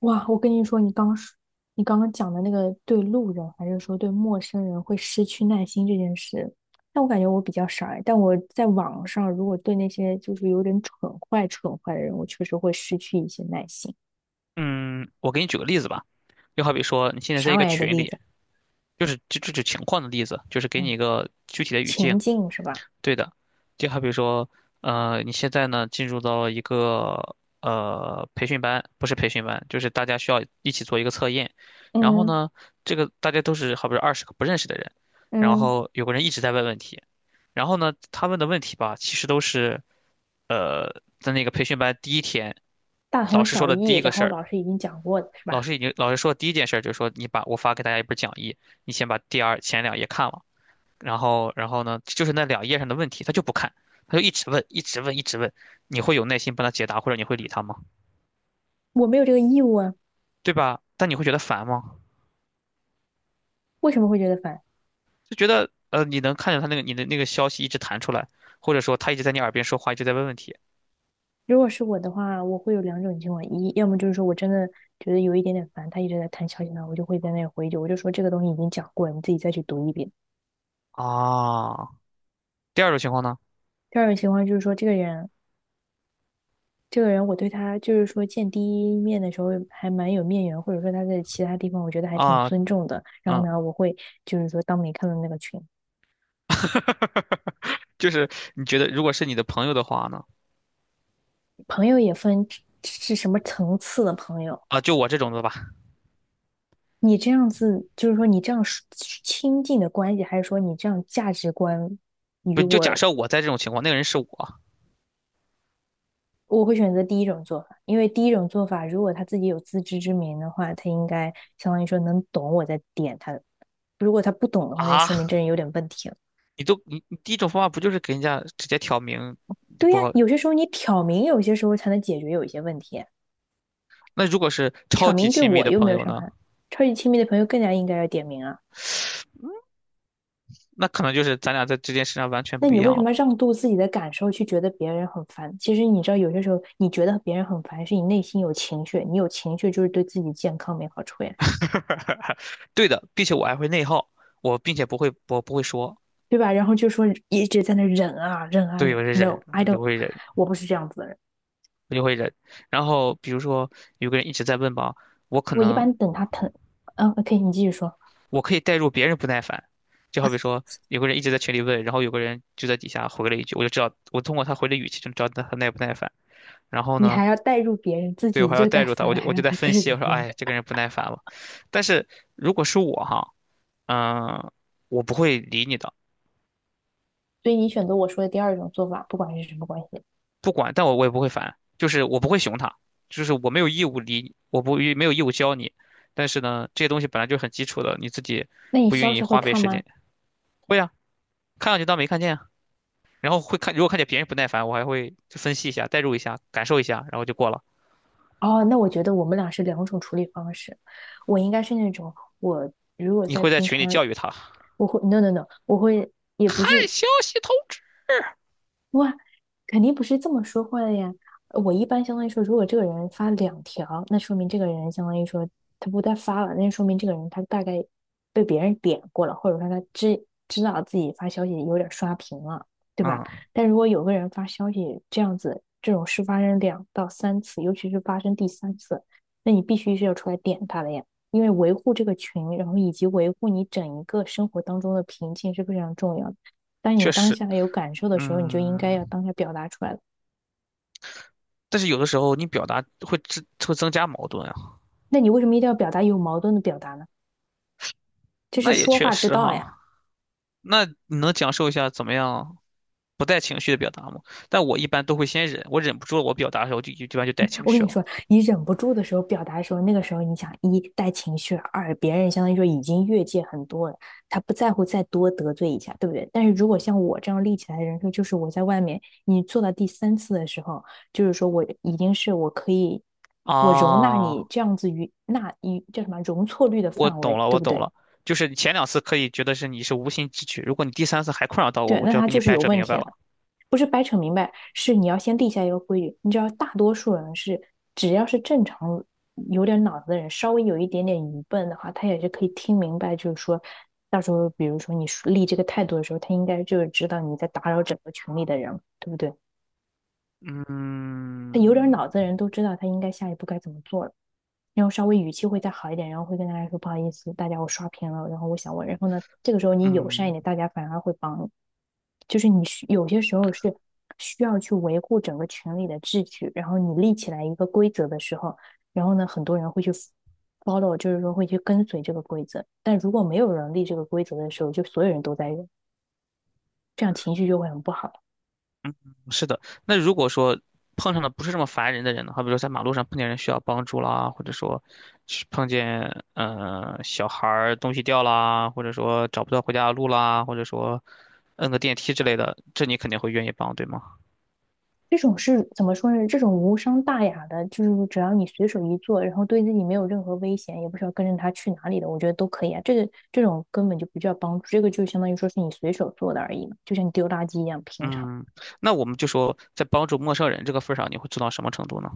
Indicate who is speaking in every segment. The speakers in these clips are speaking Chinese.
Speaker 1: 哇，我跟你说，你刚刚讲的那个对路人还是说对陌生人会失去耐心这件事，但我感觉我比较傻欸，但我在网上如果对那些就是有点蠢坏蠢坏的人，我确实会失去一些耐心。
Speaker 2: 嗯，我给你举个例子吧，就好比说你现在在
Speaker 1: 啥
Speaker 2: 一个
Speaker 1: 玩意儿的
Speaker 2: 群
Speaker 1: 例
Speaker 2: 里，
Speaker 1: 子？
Speaker 2: 就这种情况的例子，就是给你
Speaker 1: 嗯，
Speaker 2: 一个具体的语境。
Speaker 1: 情境是吧？
Speaker 2: 对的，就好比说，你现在呢进入到了一个培训班，不是培训班，就是大家需要一起做一个测验。然后
Speaker 1: 嗯
Speaker 2: 呢，这个大家都是好比说20个不认识的人，然
Speaker 1: 嗯，
Speaker 2: 后有个人一直在问问题，然后呢，他问的问题吧，其实都是在那个培训班第一天
Speaker 1: 大
Speaker 2: 老
Speaker 1: 同
Speaker 2: 师说
Speaker 1: 小
Speaker 2: 的
Speaker 1: 异，
Speaker 2: 第一个
Speaker 1: 然
Speaker 2: 事
Speaker 1: 后
Speaker 2: 儿。
Speaker 1: 老师已经讲过了，是吧？
Speaker 2: 老师说第一件事儿就是说，你把我发给大家一本讲义，你先把前两页看了，然后呢，就是那两页上的问题，他就不看，他就一直问，一直问，一直问，你会有耐心帮他解答，或者你会理他吗？
Speaker 1: 我没有这个义务啊。
Speaker 2: 对吧？但你会觉得烦吗？
Speaker 1: 为什么会觉得烦？
Speaker 2: 就觉得你能看见他那个你的那个消息一直弹出来，或者说他一直在你耳边说话，一直在问问题
Speaker 1: 如果是我的话，我会有两种情况：一，要么就是说我真的觉得有一点点烦，他一直在弹消息呢，我就会在那里回一句，我就说这个东西已经讲过了，你自己再去读一遍。
Speaker 2: 啊。第二种情况呢？
Speaker 1: 第二种情况就是说，这个人，我对他就是说见第一面的时候还蛮有面缘，或者说他在其他地方我觉得还挺
Speaker 2: 啊，
Speaker 1: 尊重的。然后
Speaker 2: 嗯，
Speaker 1: 呢，我会就是说当没看到那个群，
Speaker 2: 就是你觉得如果是你的朋友的话呢？
Speaker 1: 朋友也分是什么层次的朋友。
Speaker 2: 啊，就我这种的吧，
Speaker 1: 你这样子，就是说你这样是亲近的关系，还是说你这样价值观与
Speaker 2: 不就假
Speaker 1: 我
Speaker 2: 设我在这种情况，那个人是我
Speaker 1: 我会选择第一种做法，因为第一种做法，如果他自己有自知之明的话，他应该相当于说能懂我在点他。如果他不懂的话，那就
Speaker 2: 啊，
Speaker 1: 说明这人有点问题了。
Speaker 2: 你都你你第一种方法不就是给人家直接挑明你
Speaker 1: 对
Speaker 2: 不
Speaker 1: 呀，
Speaker 2: 好？
Speaker 1: 有些时候你挑明，有些时候才能解决有一些问题。
Speaker 2: 那如果是
Speaker 1: 挑
Speaker 2: 超级
Speaker 1: 明对
Speaker 2: 亲密
Speaker 1: 我
Speaker 2: 的
Speaker 1: 又没
Speaker 2: 朋
Speaker 1: 有
Speaker 2: 友
Speaker 1: 伤
Speaker 2: 呢？
Speaker 1: 害，超级亲密的朋友更加应该要点名啊。
Speaker 2: 那可能就是咱俩在这件事上完全
Speaker 1: 那
Speaker 2: 不
Speaker 1: 你
Speaker 2: 一
Speaker 1: 为
Speaker 2: 样
Speaker 1: 什
Speaker 2: 了。
Speaker 1: 么让渡自己的感受去觉得别人很烦？其实你知道，有些时候你觉得别人很烦，是你内心有情绪，你有情绪就是对自己健康没好处呀。
Speaker 2: 对的，并且我还会内耗，我不会说，
Speaker 1: 对吧？然后就说一直在那忍啊忍啊
Speaker 2: 对，
Speaker 1: 忍。
Speaker 2: 我是忍，
Speaker 1: No，I
Speaker 2: 我就
Speaker 1: don't。
Speaker 2: 会忍，
Speaker 1: 我不是这样子的人。
Speaker 2: 我就会忍。然后比如说有个人一直在问吧，我可
Speaker 1: 我一
Speaker 2: 能
Speaker 1: 般等他疼，嗯，OK，你继续说。
Speaker 2: 我可以带入别人不耐烦，就好比说有个人一直在群里问，然后有个人就在底下回了一句，我就知道我通过他回的语气就知道他耐不耐烦。然后
Speaker 1: 你
Speaker 2: 呢？
Speaker 1: 还要带入别人，自
Speaker 2: 对，我
Speaker 1: 己
Speaker 2: 还要
Speaker 1: 就
Speaker 2: 带
Speaker 1: 在
Speaker 2: 入他，
Speaker 1: 烦
Speaker 2: 我
Speaker 1: 了，
Speaker 2: 就
Speaker 1: 还
Speaker 2: 我
Speaker 1: 要
Speaker 2: 就在
Speaker 1: 再带
Speaker 2: 分析，
Speaker 1: 入
Speaker 2: 我说，
Speaker 1: 别人。
Speaker 2: 哎，这个人不耐烦了。但是如果是我哈，嗯、我不会理你的，
Speaker 1: 所以你选择我说的第二种做法，不管是什么关系。
Speaker 2: 不管，但我也不会烦，就是我不会熊他，就是我没有义务理你，我不没有义务教你。但是呢，这些东西本来就很基础的，你自己
Speaker 1: 那你
Speaker 2: 不
Speaker 1: 消
Speaker 2: 愿意
Speaker 1: 息会
Speaker 2: 花费
Speaker 1: 看
Speaker 2: 时
Speaker 1: 吗？
Speaker 2: 间，会啊，看上去当没看见啊，然后会看，如果看见别人不耐烦，我还会就分析一下，代入一下，感受一下，然后就过了。
Speaker 1: 哦，那我觉得我们俩是两种处理方式。我应该是那种，我如果
Speaker 2: 你
Speaker 1: 在
Speaker 2: 会在
Speaker 1: 平
Speaker 2: 群里
Speaker 1: 常，
Speaker 2: 教育他，
Speaker 1: 我会 no no no，我会 也不
Speaker 2: 看
Speaker 1: 是，
Speaker 2: 消息通知。
Speaker 1: 哇，肯定不是这么说话的呀。我一般相当于说，如果这个人发两条，那说明这个人相当于说他不再发了，那说明这个人他大概被别人点过了，或者说他知道自己发消息有点刷屏了，对吧？
Speaker 2: 嗯，
Speaker 1: 但如果有个人发消息这样子，这种事发生两到三次，尤其是发生第三次，那你必须是要出来点他的呀，因为维护这个群，然后以及维护你整一个生活当中的平静是非常重要的。当
Speaker 2: 确
Speaker 1: 你当
Speaker 2: 实，
Speaker 1: 下有感受的时候，你就应该要
Speaker 2: 嗯。
Speaker 1: 当下表达出来了。
Speaker 2: 但是有的时候你表达会增加矛盾啊，
Speaker 1: 那你为什么一定要表达有矛盾的表达呢？这是
Speaker 2: 那也
Speaker 1: 说
Speaker 2: 确
Speaker 1: 话之
Speaker 2: 实
Speaker 1: 道呀！
Speaker 2: 哈。那你能讲授一下怎么样不带情绪的表达吗？但我一般都会先忍，我忍不住了，我表达的时候就一般就带 情
Speaker 1: 我跟
Speaker 2: 绪
Speaker 1: 你
Speaker 2: 了。
Speaker 1: 说，你忍不住的时候表达的时候，那个时候你想一带情绪，二别人相当于说已经越界很多了，他不在乎再多得罪一下，对不对？但是如果像我这样立起来的人设，就是我在外面，你做到第三次的时候，就是说我已经是我可以，我容纳
Speaker 2: 啊，
Speaker 1: 你这样子于那一叫什么容错率的
Speaker 2: 我
Speaker 1: 范
Speaker 2: 懂
Speaker 1: 围，
Speaker 2: 了，
Speaker 1: 对
Speaker 2: 我
Speaker 1: 不
Speaker 2: 懂
Speaker 1: 对？
Speaker 2: 了，就是你前两次可以觉得是你是无心之举，如果你第三次还困扰到我，
Speaker 1: 对，
Speaker 2: 我
Speaker 1: 那
Speaker 2: 就要
Speaker 1: 他
Speaker 2: 给
Speaker 1: 就
Speaker 2: 你
Speaker 1: 是
Speaker 2: 掰
Speaker 1: 有
Speaker 2: 扯
Speaker 1: 问
Speaker 2: 明
Speaker 1: 题
Speaker 2: 白
Speaker 1: 的。
Speaker 2: 了。
Speaker 1: 不是掰扯明白，是你要先立下一个规矩。你知道，大多数人是只要是正常有点脑子的人，稍微有一点点愚笨的话，他也是可以听明白，就是说，到时候比如说你立这个态度的时候，他应该就是知道你在打扰整个群里的人，对不对？他有点
Speaker 2: 嗯
Speaker 1: 脑子的人都知道他应该下一步该怎么做了。然后稍微语气会再好一点，然后会跟大家说不好意思，大家我刷屏了，然后我想问，然后呢，这个时候你友善一
Speaker 2: 嗯。
Speaker 1: 点，大家反而会帮你。就是你需有些时候是需要去维护整个群里的秩序，然后你立起来一个规则的时候，然后呢，很多人会去 follow，就是说会去跟随这个规则。但如果没有人立这个规则的时候，就所有人都在用，这样情绪就会很不好。
Speaker 2: 是的，那如果说碰上的不是这么烦人的人呢？好比说在马路上碰见人需要帮助啦，或者说是碰见小孩儿东西掉啦，或者说找不到回家的路啦，或者说摁个电梯之类的，这你肯定会愿意帮，对吗？
Speaker 1: 这种是怎么说呢？这种无伤大雅的，就是只要你随手一做，然后对自己没有任何危险，也不需要跟着他去哪里的，我觉得都可以啊。这个这种根本就不叫帮助，这个就相当于说是你随手做的而已嘛，就像你丢垃圾一样平常。
Speaker 2: 嗯，那我们就说在帮助陌生人这个份儿上，你会做到什么程度呢？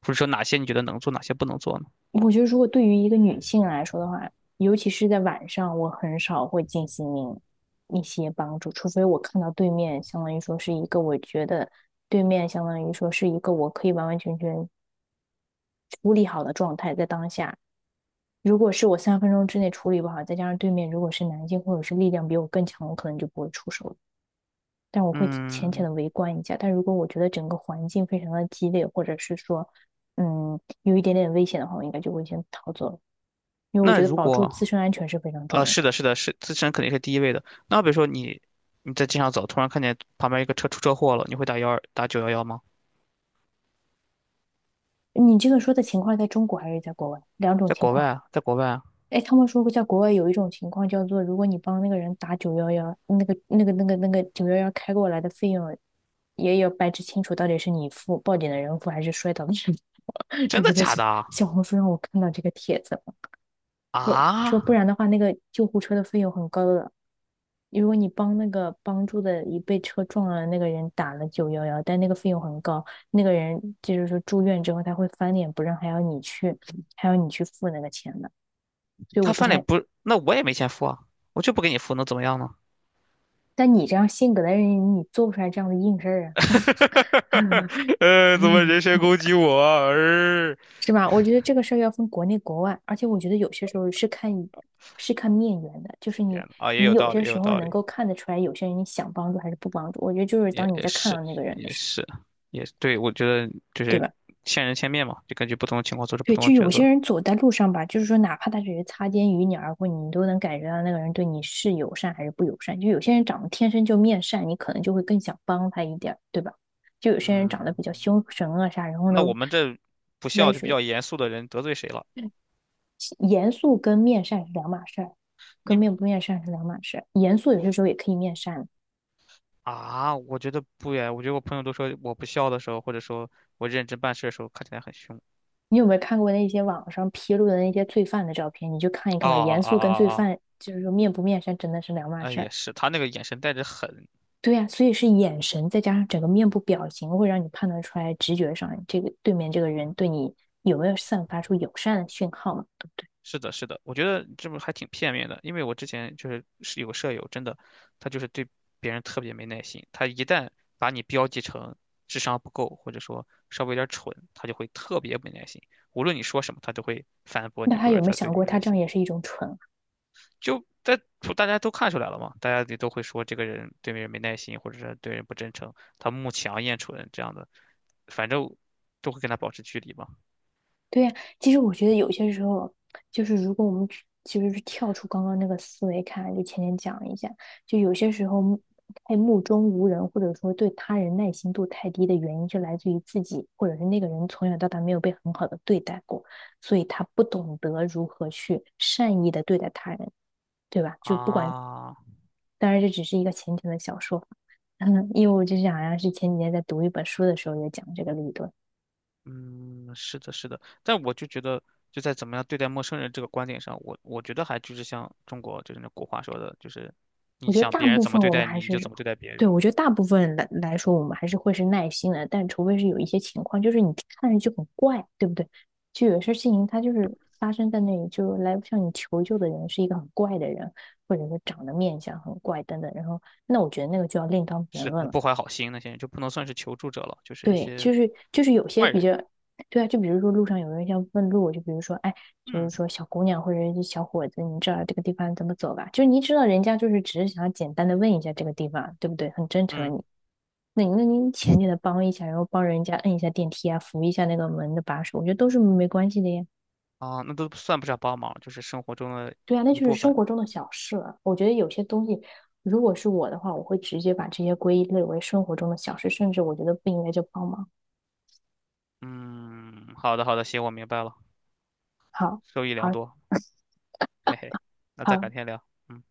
Speaker 2: 或者说哪些你觉得能做，哪些不能做呢？
Speaker 1: 我觉得如果对于一个女性来说的话，尤其是在晚上，我很少会进行一些帮助，除非我看到对面相当于说是一个我觉得对面相当于说是一个我可以完完全全处理好的状态，在当下。如果是我3分钟之内处理不好，再加上对面如果是男性或者是力量比我更强，我可能就不会出手了。但我会浅浅
Speaker 2: 嗯，
Speaker 1: 的围观一下。但如果我觉得整个环境非常的激烈，或者是说，有一点点危险的话，我应该就会先逃走了，因为我
Speaker 2: 那
Speaker 1: 觉得
Speaker 2: 如
Speaker 1: 保住自
Speaker 2: 果
Speaker 1: 身安全是非常重
Speaker 2: 呃，
Speaker 1: 要
Speaker 2: 是
Speaker 1: 的。
Speaker 2: 的，是的，是自身肯定是第一位的。那比如说你在街上走，突然看见旁边一个车出车祸了，你会打九幺幺吗？
Speaker 1: 你这个说的情况在中国还是在国外？两种
Speaker 2: 在
Speaker 1: 情
Speaker 2: 国外
Speaker 1: 况。
Speaker 2: 啊，在国外啊，
Speaker 1: 哎，他们说过，在国外有一种情况叫做，如果你帮那个人打九幺幺，那个九幺幺开过来的费用，也要掰扯清楚到底是你付，报警的人付还是摔倒的人付。这
Speaker 2: 真
Speaker 1: 不
Speaker 2: 的
Speaker 1: 在
Speaker 2: 假的啊？
Speaker 1: 小红书上我看到这个帖子了，说不
Speaker 2: 啊，
Speaker 1: 然的话，那个救护车的费用很高的。如果你帮那个帮助的一被车撞了那个人打了九幺幺，但那个费用很高，那个人就是说住院之后他会翻脸不认，还要你去付那个钱的。所以
Speaker 2: 他
Speaker 1: 我不
Speaker 2: 翻脸
Speaker 1: 太，
Speaker 2: 不，那我也没钱付啊，我就不给你付，能怎么样呢？
Speaker 1: 但你这样性格的人，你做不出来这样的硬事儿啊，
Speaker 2: 怎么人身 攻击我啊？
Speaker 1: 是吧？我觉得这个事儿要分国内国外，而且我觉得有些时候是看面缘的，就是
Speaker 2: 天
Speaker 1: 你
Speaker 2: 呐，啊，也
Speaker 1: 你
Speaker 2: 有
Speaker 1: 有
Speaker 2: 道
Speaker 1: 些
Speaker 2: 理，也
Speaker 1: 时
Speaker 2: 有
Speaker 1: 候
Speaker 2: 道
Speaker 1: 能
Speaker 2: 理，
Speaker 1: 够看得出来，有些人你想帮助还是不帮助。我觉得就是
Speaker 2: 也
Speaker 1: 当你
Speaker 2: 也
Speaker 1: 在看到
Speaker 2: 是，
Speaker 1: 那个人的
Speaker 2: 也
Speaker 1: 时候，
Speaker 2: 是，也对，我觉得就
Speaker 1: 对
Speaker 2: 是
Speaker 1: 吧？
Speaker 2: 见人千面嘛，就根据不同的情况做出不
Speaker 1: 对，
Speaker 2: 同的
Speaker 1: 就
Speaker 2: 抉
Speaker 1: 有些
Speaker 2: 择。
Speaker 1: 人走在路上吧，就是说，哪怕他只是擦肩与你而过，你都能感觉到那个人对你是友善还是不友善。就有些人长得天生就面善，你可能就会更想帮他一点儿对吧？就有些人长
Speaker 2: 嗯，
Speaker 1: 得比较凶神恶煞，然后
Speaker 2: 那
Speaker 1: 呢，
Speaker 2: 我们这不
Speaker 1: 歪
Speaker 2: 笑就比
Speaker 1: 水。
Speaker 2: 较严肃的人得罪谁了？
Speaker 1: 严肃跟面善是两码事儿，跟
Speaker 2: 你
Speaker 1: 面不面善是两码事儿。严肃有些时候也可以面善。
Speaker 2: 啊，我觉得不呀。我觉得我朋友都说我不笑的时候，或者说我认真办事的时候，看起来很凶。
Speaker 1: 你有没有看过那些网上披露的那些罪犯的照片？你就看一看
Speaker 2: 哦
Speaker 1: 吧。
Speaker 2: 哦
Speaker 1: 严
Speaker 2: 哦
Speaker 1: 肃跟罪
Speaker 2: 哦哦，
Speaker 1: 犯就是说面不面善真的是两码
Speaker 2: 哎，
Speaker 1: 事
Speaker 2: 也
Speaker 1: 儿。
Speaker 2: 是，他那个眼神带着狠。
Speaker 1: 对呀，所以是眼神再加上整个面部表情，会让你判断出来，直觉上这个对面这个人对你有没有散发出友善的讯号嘛，对不对？
Speaker 2: 是的，是的，我觉得这不还挺片面的，因为我之前就是有个舍友，真的，他就是对别人特别没耐心，他一旦把你标记成智商不够，或者说稍微有点蠢，他就会特别没耐心，无论你说什么，他都会反驳
Speaker 1: 那
Speaker 2: 你，
Speaker 1: 他
Speaker 2: 或
Speaker 1: 有
Speaker 2: 者
Speaker 1: 没有
Speaker 2: 他对
Speaker 1: 想
Speaker 2: 你
Speaker 1: 过，
Speaker 2: 没耐
Speaker 1: 他这样
Speaker 2: 心。
Speaker 1: 也是一种蠢。
Speaker 2: 就在大家都看出来了嘛，大家也都会说这个人对别人没耐心，或者是对人不真诚，他慕强厌蠢这样的，反正都会跟他保持距离嘛。
Speaker 1: 对呀，其实我觉得有些时候，就是如果我们只实是跳出刚刚那个思维看，就前面讲一下，就有些时候目中无人，或者说对他人耐心度太低的原因，就来自于自己或者是那个人从小到大没有被很好的对待过，所以他不懂得如何去善意的对待他人，对吧？就不管，
Speaker 2: 啊，
Speaker 1: 当然这只是一个浅浅的小说法，嗯，因为我就想，好像是前几天在读一本书的时候也讲这个理论。
Speaker 2: 嗯，是的，是的，但我就觉得，就在怎么样对待陌生人这个观点上，我觉得还就是像中国就是那古话说的，就是你
Speaker 1: 我觉得
Speaker 2: 想
Speaker 1: 大
Speaker 2: 别人
Speaker 1: 部
Speaker 2: 怎么
Speaker 1: 分
Speaker 2: 对
Speaker 1: 我们
Speaker 2: 待
Speaker 1: 还
Speaker 2: 你，你
Speaker 1: 是，
Speaker 2: 就怎么对待别
Speaker 1: 对，
Speaker 2: 人
Speaker 1: 我
Speaker 2: 嘛。
Speaker 1: 觉得大部分来说，我们还是会是耐心的，但除非是有一些情况，就是你看着就很怪，对不对？就有些事情它就是发生在那里，就来向你求救的人是一个很怪的人，或者是长得面相很怪等等，然后那我觉得那个就要另当别
Speaker 2: 是
Speaker 1: 论
Speaker 2: 的，
Speaker 1: 了。
Speaker 2: 不怀好心那些人就不能算是求助者了，就是一
Speaker 1: 对，
Speaker 2: 些
Speaker 1: 就是有些
Speaker 2: 坏
Speaker 1: 比
Speaker 2: 人。
Speaker 1: 较，对啊，就比如说路上有人要问路，就比如说，哎，就是
Speaker 2: 嗯
Speaker 1: 说小姑娘或者是小伙子，你这儿这个地方怎么走吧？就是你知道人家就是只是想要简单的问一下这个地方，对不对？很真诚的
Speaker 2: 嗯。
Speaker 1: 你，那你那您前给的帮一下，然后帮人家摁一下电梯啊，扶一下那个门的把手，我觉得都是没关系的呀。
Speaker 2: 啊，那都算不上帮忙，就是生活中的
Speaker 1: 对啊，那
Speaker 2: 一
Speaker 1: 就是
Speaker 2: 部
Speaker 1: 生
Speaker 2: 分。
Speaker 1: 活中的小事了。我觉得有些东西，如果是我的话，我会直接把这些归类为生活中的小事，甚至我觉得不应该叫帮忙。
Speaker 2: 嗯，好的好的，行，我明白了，
Speaker 1: 好，
Speaker 2: 受益良
Speaker 1: 好，
Speaker 2: 多，嘿嘿，那再改
Speaker 1: 好。
Speaker 2: 天聊。嗯。